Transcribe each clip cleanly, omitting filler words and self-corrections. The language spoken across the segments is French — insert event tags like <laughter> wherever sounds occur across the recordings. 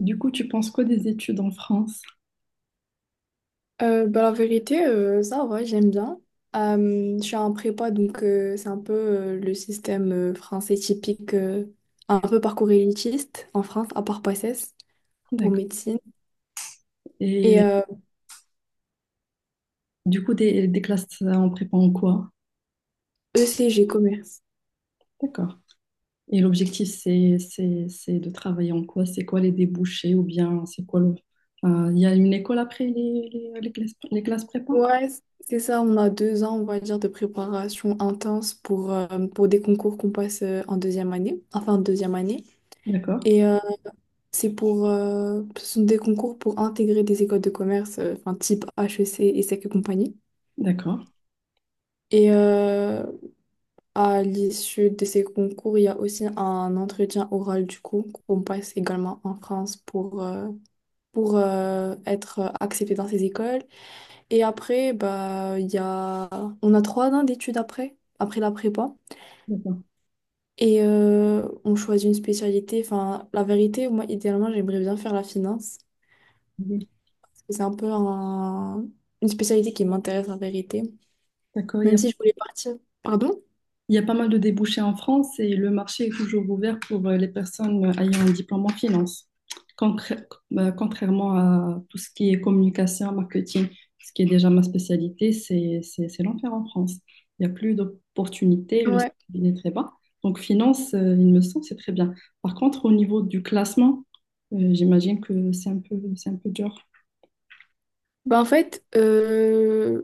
Du coup, tu penses quoi des études en France? Bah, la vérité, ça va, j'aime bien. Je suis en prépa, donc c'est un peu le système français typique, un peu parcours élitiste en France, à part PACES pour D'accord. médecine, et Et du coup, des classes en prépa en quoi? ECG commerce. D'accord. Et l'objectif, c'est de travailler en quoi? C'est quoi les débouchés ou bien c'est quoi le. Il y a une école après les classes prépa? Ouais, c'est ça, on a 2 ans, on va dire, de préparation intense pour des concours qu'on passe en deuxième année, enfin en deuxième année. D'accord. Et c'est pour, ce sont des concours pour intégrer des écoles de commerce, enfin type HEC, ESSEC et compagnie. D'accord. Et, à l'issue de ces concours, il y a aussi un entretien oral du coup qu'on passe également en France pour, être accepté dans ces écoles. Et après, bah, on a 3 ans d'études après, après la prépa. D'accord. Et on choisit une spécialité. Enfin, la vérité, moi, idéalement, j'aimerais bien faire la finance. Oui. Parce que c'est un peu une spécialité qui m'intéresse, la vérité. D'accord. Même si je voulais partir. Pardon? Il y a pas mal de débouchés en France et le marché est toujours ouvert pour les personnes ayant un diplôme en finance, Concr- contrairement à tout ce qui est communication, marketing, ce qui est déjà ma spécialité, c'est l'enfer en France. Il n'y a plus d'opportunités, le Ouais. salaire est très bas. Donc finance, il me semble, c'est très bien. Par contre, au niveau du classement, j'imagine que c'est un peu dur. Bah en fait,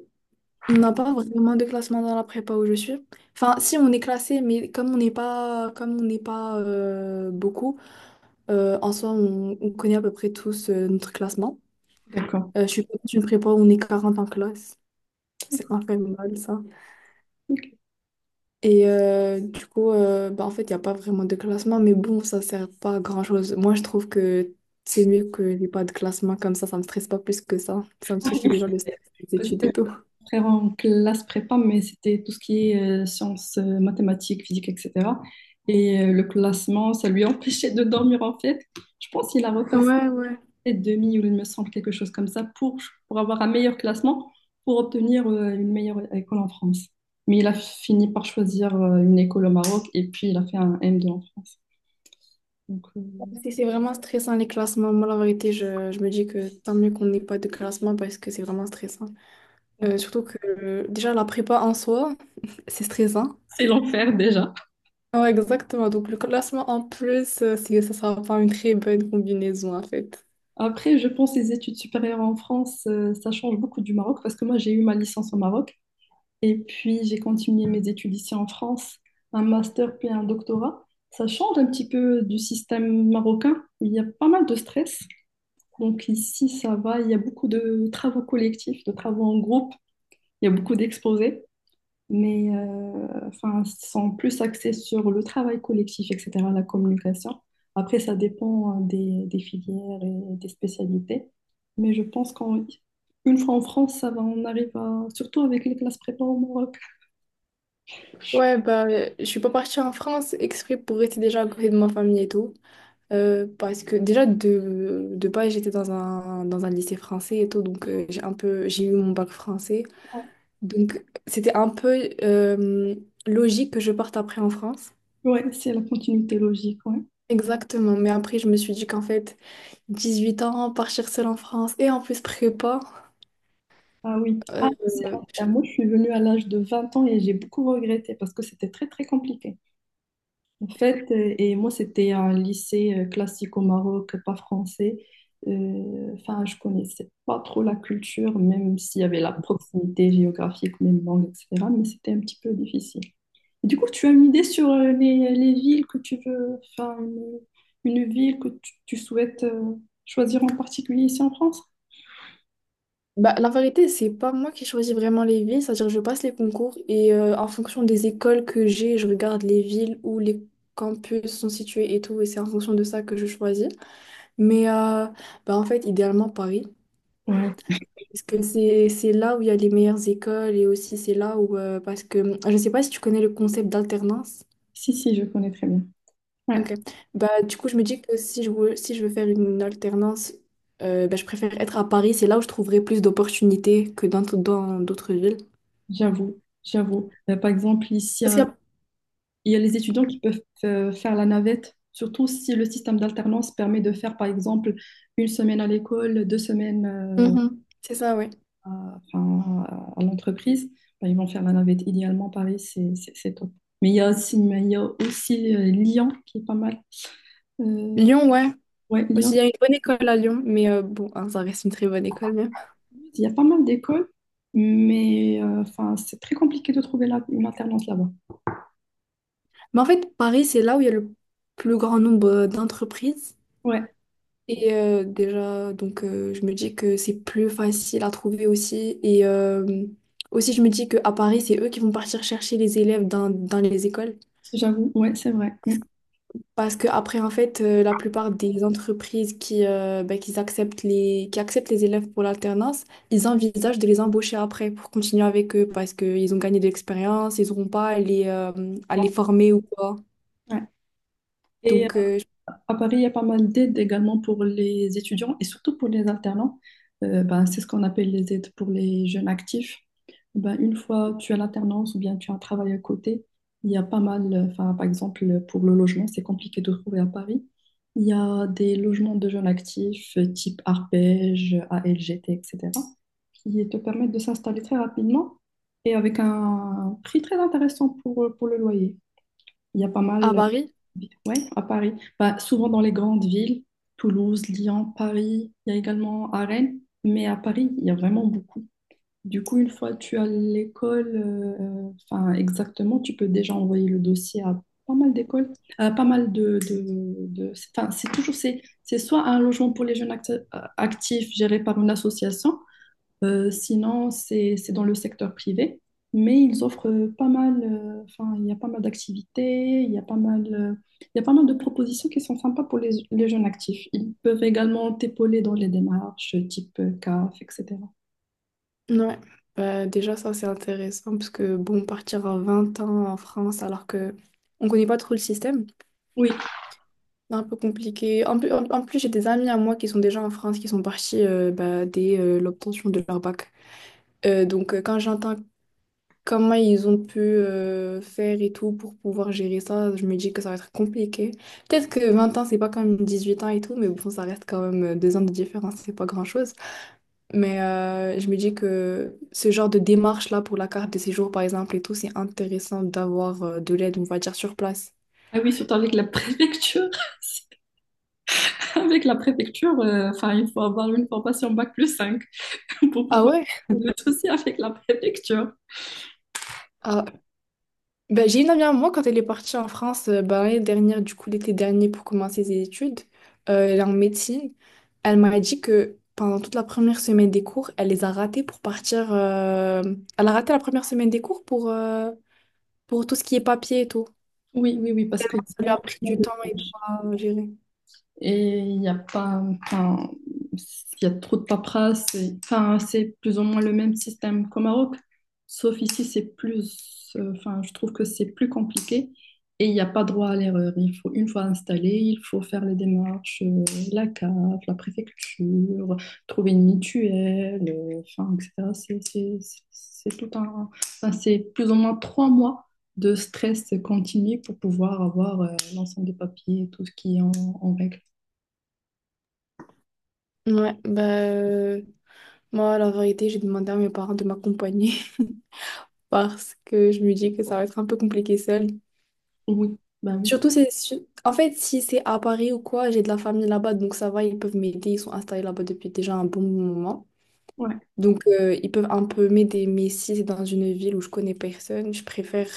on n'a pas vraiment de classement dans la prépa où je suis. Enfin, si on est classé, mais comme on n'est pas beaucoup, en soi, on connaît à peu près tous notre classement. D'accord. Je suis pas dans une prépa où on est 40 en classe. C'est D'accord. infernal, ça. Ok. Et du coup, bah, en fait, il n'y a pas vraiment de classement, mais bon, ça sert pas à grand-chose. Moi, je trouve que c'est mieux que n'y ait pas de classement comme ça. Ça me stresse pas plus que ça. Ça me suffit déjà le stress des études et tout. Après en classe prépa, mais c'était tout ce qui est sciences, mathématiques, physique, etc. Et le classement, ça lui <laughs> empêchait de dormir en fait. Je pense qu'il a repassé Ouais, ouais. demi ou il me semble quelque chose comme ça pour avoir un meilleur classement, pour obtenir une meilleure école en France. Mais il a fini par choisir une école au Maroc et puis il a fait un M2 en France. Donc, C'est vraiment stressant les classements. Moi, la vérité, je me dis que tant mieux qu'on n'ait pas de classement parce que c'est vraiment stressant. D'accord. Surtout que déjà la prépa en soi, <laughs> c'est stressant. C'est l'enfer déjà. Ouais, exactement. Donc le classement en plus, ça sera pas une très bonne combinaison en fait. Après, je pense les études supérieures en France, ça change beaucoup du Maroc parce que moi j'ai eu ma licence au Maroc. Et puis, j'ai continué mes études ici en France, un master puis un doctorat. Ça change un petit peu du système marocain. Il y a pas mal de stress. Donc ici, ça va. Il y a beaucoup de travaux collectifs, de travaux en groupe. Il y a beaucoup d'exposés. Mais enfin, ils sont plus axés sur le travail collectif, etc., la communication. Après, ça dépend des filières et des spécialités. Mais je pense qu'une fois en France, ça va, on arrive à, surtout avec les classes prépa au Maroc. Je Ouais, bah, je suis pas partie en France exprès pour rester déjà à côté de ma famille et tout. Parce que déjà de base j'étais dans dans un lycée français et tout, donc j'ai un peu j'ai eu mon bac français, Ouais, donc c'était un peu logique que je parte après en France, ouais, c'est la continuité logique, ouais. exactement. Mais après je me suis dit qu'en fait 18 ans partir seule en France et en plus prépa, Ah oui. euh, Ah, ah, je- moi, je suis venue à l'âge de 20 ans et j'ai beaucoup regretté parce que c'était très, très compliqué. En fait, et moi, c'était un lycée classique au Maroc, pas français. Enfin, je connaissais pas trop la culture, même s'il y avait la proximité géographique, même langue, etc. Mais c'était un petit peu difficile. Du coup, tu as une idée sur les villes que tu veux, enfin, une ville que tu souhaites choisir en particulier ici en France? bah, la vérité, c'est pas moi qui choisis vraiment les villes, c'est-à-dire je passe les concours et en fonction des écoles que j'ai je regarde les villes où les campus sont situés et tout, et c'est en fonction de ça que je choisis. Mais bah en fait, idéalement Paris, Ouais. parce que c'est là où il y a les meilleures écoles et aussi c'est là où, parce que je ne sais pas si tu connais le concept d'alternance. Si, si, je connais très bien. Ouais, Ok. Bah, du coup, je me dis que si je veux faire une alternance, bah, je préfère être à Paris, c'est là où je trouverai plus d'opportunités que dans d'autres villes. j'avoue, j'avoue. Par exemple, ici, Parce qu'il y a- il y a les étudiants qui peuvent faire la navette, surtout si le système d'alternance permet de faire, par exemple, une semaine à l'école, 2 semaines Mhm. C'est ça, ouais. à, enfin, à l'entreprise. Ben, ils vont faire la navette. Idéalement, Paris, c'est top. Mais il y a aussi, Lyon qui est pas mal. Euh, Lyon, ouais. ouais, Lyon, Aussi, il y a une bonne école à Lyon, mais bon, hein, ça reste une très bonne école même. il y a pas mal d'écoles, mais enfin, c'est très compliqué de trouver là, une alternance là-bas. Mais en fait, Paris, c'est là où il y a le plus grand nombre d'entreprises. Ouais, Et déjà, donc je me dis que c'est plus facile à trouver aussi. Et aussi, je me dis qu'à Paris, c'est eux qui vont partir chercher les élèves dans les écoles. j'avoue, ouais, c'est vrai. Mm. Parce que après, en fait, la plupart des entreprises ben, qui acceptent les élèves pour l'alternance, ils envisagent de les embaucher après pour continuer avec eux parce qu'ils ont gagné de l'expérience, ils n'auront pas à les, à les former ou quoi. Ouais. Et Donc, euh, à Paris, il y a pas mal d'aides également pour les étudiants et surtout pour les alternants. Ben, c'est ce qu'on appelle les aides pour les jeunes actifs. Ben, une fois tu as l'alternance ou bien tu as un travail à côté, il y a pas mal, enfin, par exemple, pour le logement, c'est compliqué de trouver à Paris. Il y a des logements de jeunes actifs type Arpège, ALGT, etc., qui te permettent de s'installer très rapidement et avec un prix très intéressant pour le loyer. Il y a pas à mal. Paris. Oui, à Paris. Bah, souvent dans les grandes villes, Toulouse, Lyon, Paris, il y a également à Rennes, mais à Paris, il y a vraiment beaucoup. Du coup, une fois que tu as l'école, enfin exactement, tu peux déjà envoyer le dossier à pas mal d'écoles, à pas mal enfin, c'est toujours, c'est soit un logement pour les jeunes actifs géré par une association, sinon, c'est dans le secteur privé, mais ils offrent pas mal, enfin, il y a pas mal d'activités, il y a pas mal, il y a pas mal de propositions qui sont sympas pour les jeunes actifs. Ils peuvent également t'épauler dans les démarches type CAF, etc. Ouais, bah, déjà ça c'est intéressant parce que bon, partir à 20 ans en France alors que on connaît pas trop le système, Oui, c'est un peu compliqué. En plus, en plus j'ai des amis à moi qui sont déjà en France, qui sont partis bah, dès l'obtention de leur bac. Donc quand j'entends comment ils ont pu faire et tout pour pouvoir gérer ça, je me dis que ça va être compliqué. Peut-être que 20 ans c'est pas comme 8 ans et tout, mais bon, ça reste quand même 2 ans de différence, c'est pas grand-chose. Mais je me dis que ce genre de démarche-là pour la carte de séjour, par exemple, et tout, c'est intéressant d'avoir de l'aide, on va dire, sur place. ah oui, surtout avec la préfecture. <laughs> Avec la préfecture, enfin, il faut avoir une formation bac+5 <laughs> pour Ah pouvoir ouais? le souci avec la préfecture. Ah, ben, j'ai une amie à moi, quand elle est partie en France, ben, l'année dernière, du coup, l'été dernier, pour commencer ses études, elle est en médecine. Elle m'a dit que pendant toute la première semaine des cours, elle les a ratés pour partir... elle a raté la première semaine des cours pour tout ce qui est papier et tout. Oui, oui, oui, parce que y Tellement a ça lui a vraiment pris pas mal du de. temps et tout à gérer. Et il y a pas, enfin, il y a trop de paperasse. Enfin, c'est plus ou moins le même système qu'au Maroc, sauf ici, c'est plus, enfin, je trouve que c'est plus compliqué et il n'y a pas droit à l'erreur. Il faut, une fois installé, il faut faire les démarches, la CAF, la préfecture, trouver une mutuelle, enfin, etc. C'est tout un, enfin, c'est plus ou moins 3 mois de stress continu pour pouvoir avoir, l'ensemble des papiers, tout ce qui est en règle. Ouais, bah... Moi, la vérité, j'ai demandé à mes parents de m'accompagner <laughs> parce que je me dis que ça va être un peu compliqué seule. Oui, ben oui. En fait, si c'est à Paris ou quoi, j'ai de la famille là-bas, donc ça va, ils peuvent m'aider. Ils sont installés là-bas depuis déjà un bon moment. Ouais, Donc, ils peuvent un peu m'aider. Mais si c'est dans une ville où je connais personne, je préfère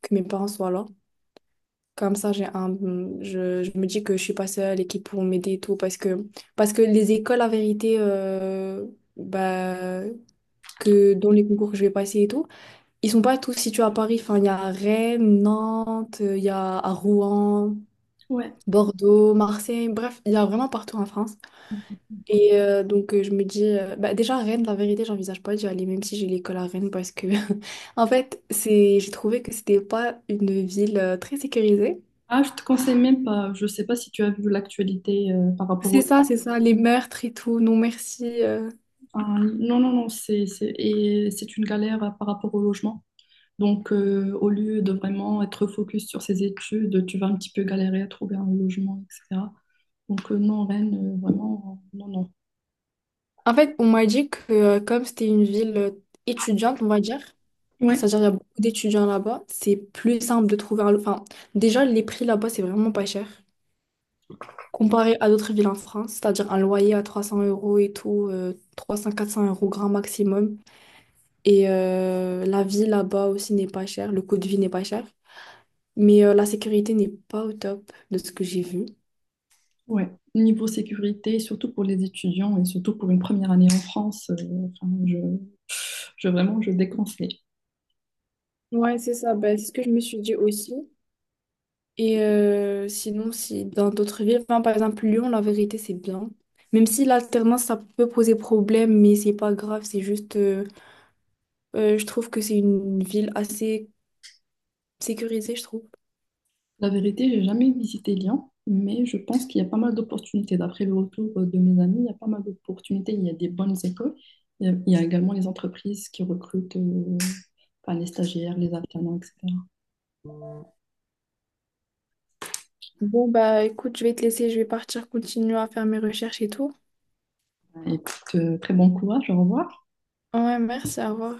que mes parents soient là. Comme ça, je me dis que je suis pas seule et qu'ils pourront m'aider et tout. Parce que les écoles, la vérité, bah, que dans les concours que je vais passer et tout, ils sont pas tous situés à Paris. Enfin, il y a Rennes, Nantes, il y a à Rouen, ouais. Bordeaux, Marseille. Bref, il y a vraiment partout en France. Et donc, je me dis, bah, déjà, Rennes, la vérité, j'envisage pas d'y aller, même si j'ai l'école à Rennes, parce que, <laughs> en fait, j'ai trouvé que c'était pas une ville très sécurisée. Ah, je te conseille même pas. Je sais pas si tu as vu l'actualité par rapport au. C'est ça, les meurtres et tout. Non, merci. Ah, non, non, non, et c'est une galère par rapport au logement. Donc, au lieu de vraiment être focus sur ses études, tu vas un petit peu galérer à trouver un logement, etc. Donc, non, Rennes, vraiment, non, non. En fait, on m'a dit que, comme c'était une ville étudiante, on va dire, Ouais, c'est-à-dire, il y a beaucoup d'étudiants là-bas. C'est plus simple de trouver enfin, déjà, les prix là-bas, c'est vraiment pas cher. Comparé à d'autres villes en France, c'est-à-dire un loyer à 300 € et tout, 300-400 € grand maximum. Et la vie là-bas aussi n'est pas chère, le coût de vie n'est pas cher. Mais la sécurité n'est pas au top de ce que j'ai vu. ouais. Niveau sécurité, surtout pour les étudiants et surtout pour une première année en France, enfin, je vraiment, je déconseille. Ouais, c'est ça. Ben, c'est ce que je me suis dit aussi. Et sinon, si dans d'autres villes, enfin, par exemple Lyon, la vérité, c'est bien. Même si l'alternance, ça peut poser problème, mais c'est pas grave, je trouve que c'est une ville assez sécurisée, je trouve. La vérité, j'ai jamais visité Lyon, mais je pense qu'il y a pas mal d'opportunités. D'après le retour de mes amis, il y a pas mal d'opportunités. Il y a des bonnes écoles. Il y a également les entreprises qui recrutent enfin, les stagiaires, les alternants, etc. Bon, bah écoute, je vais te laisser, je vais partir continuer à faire mes recherches et tout. Et puis, très bon courage, au revoir. Ouais, merci, à revoir.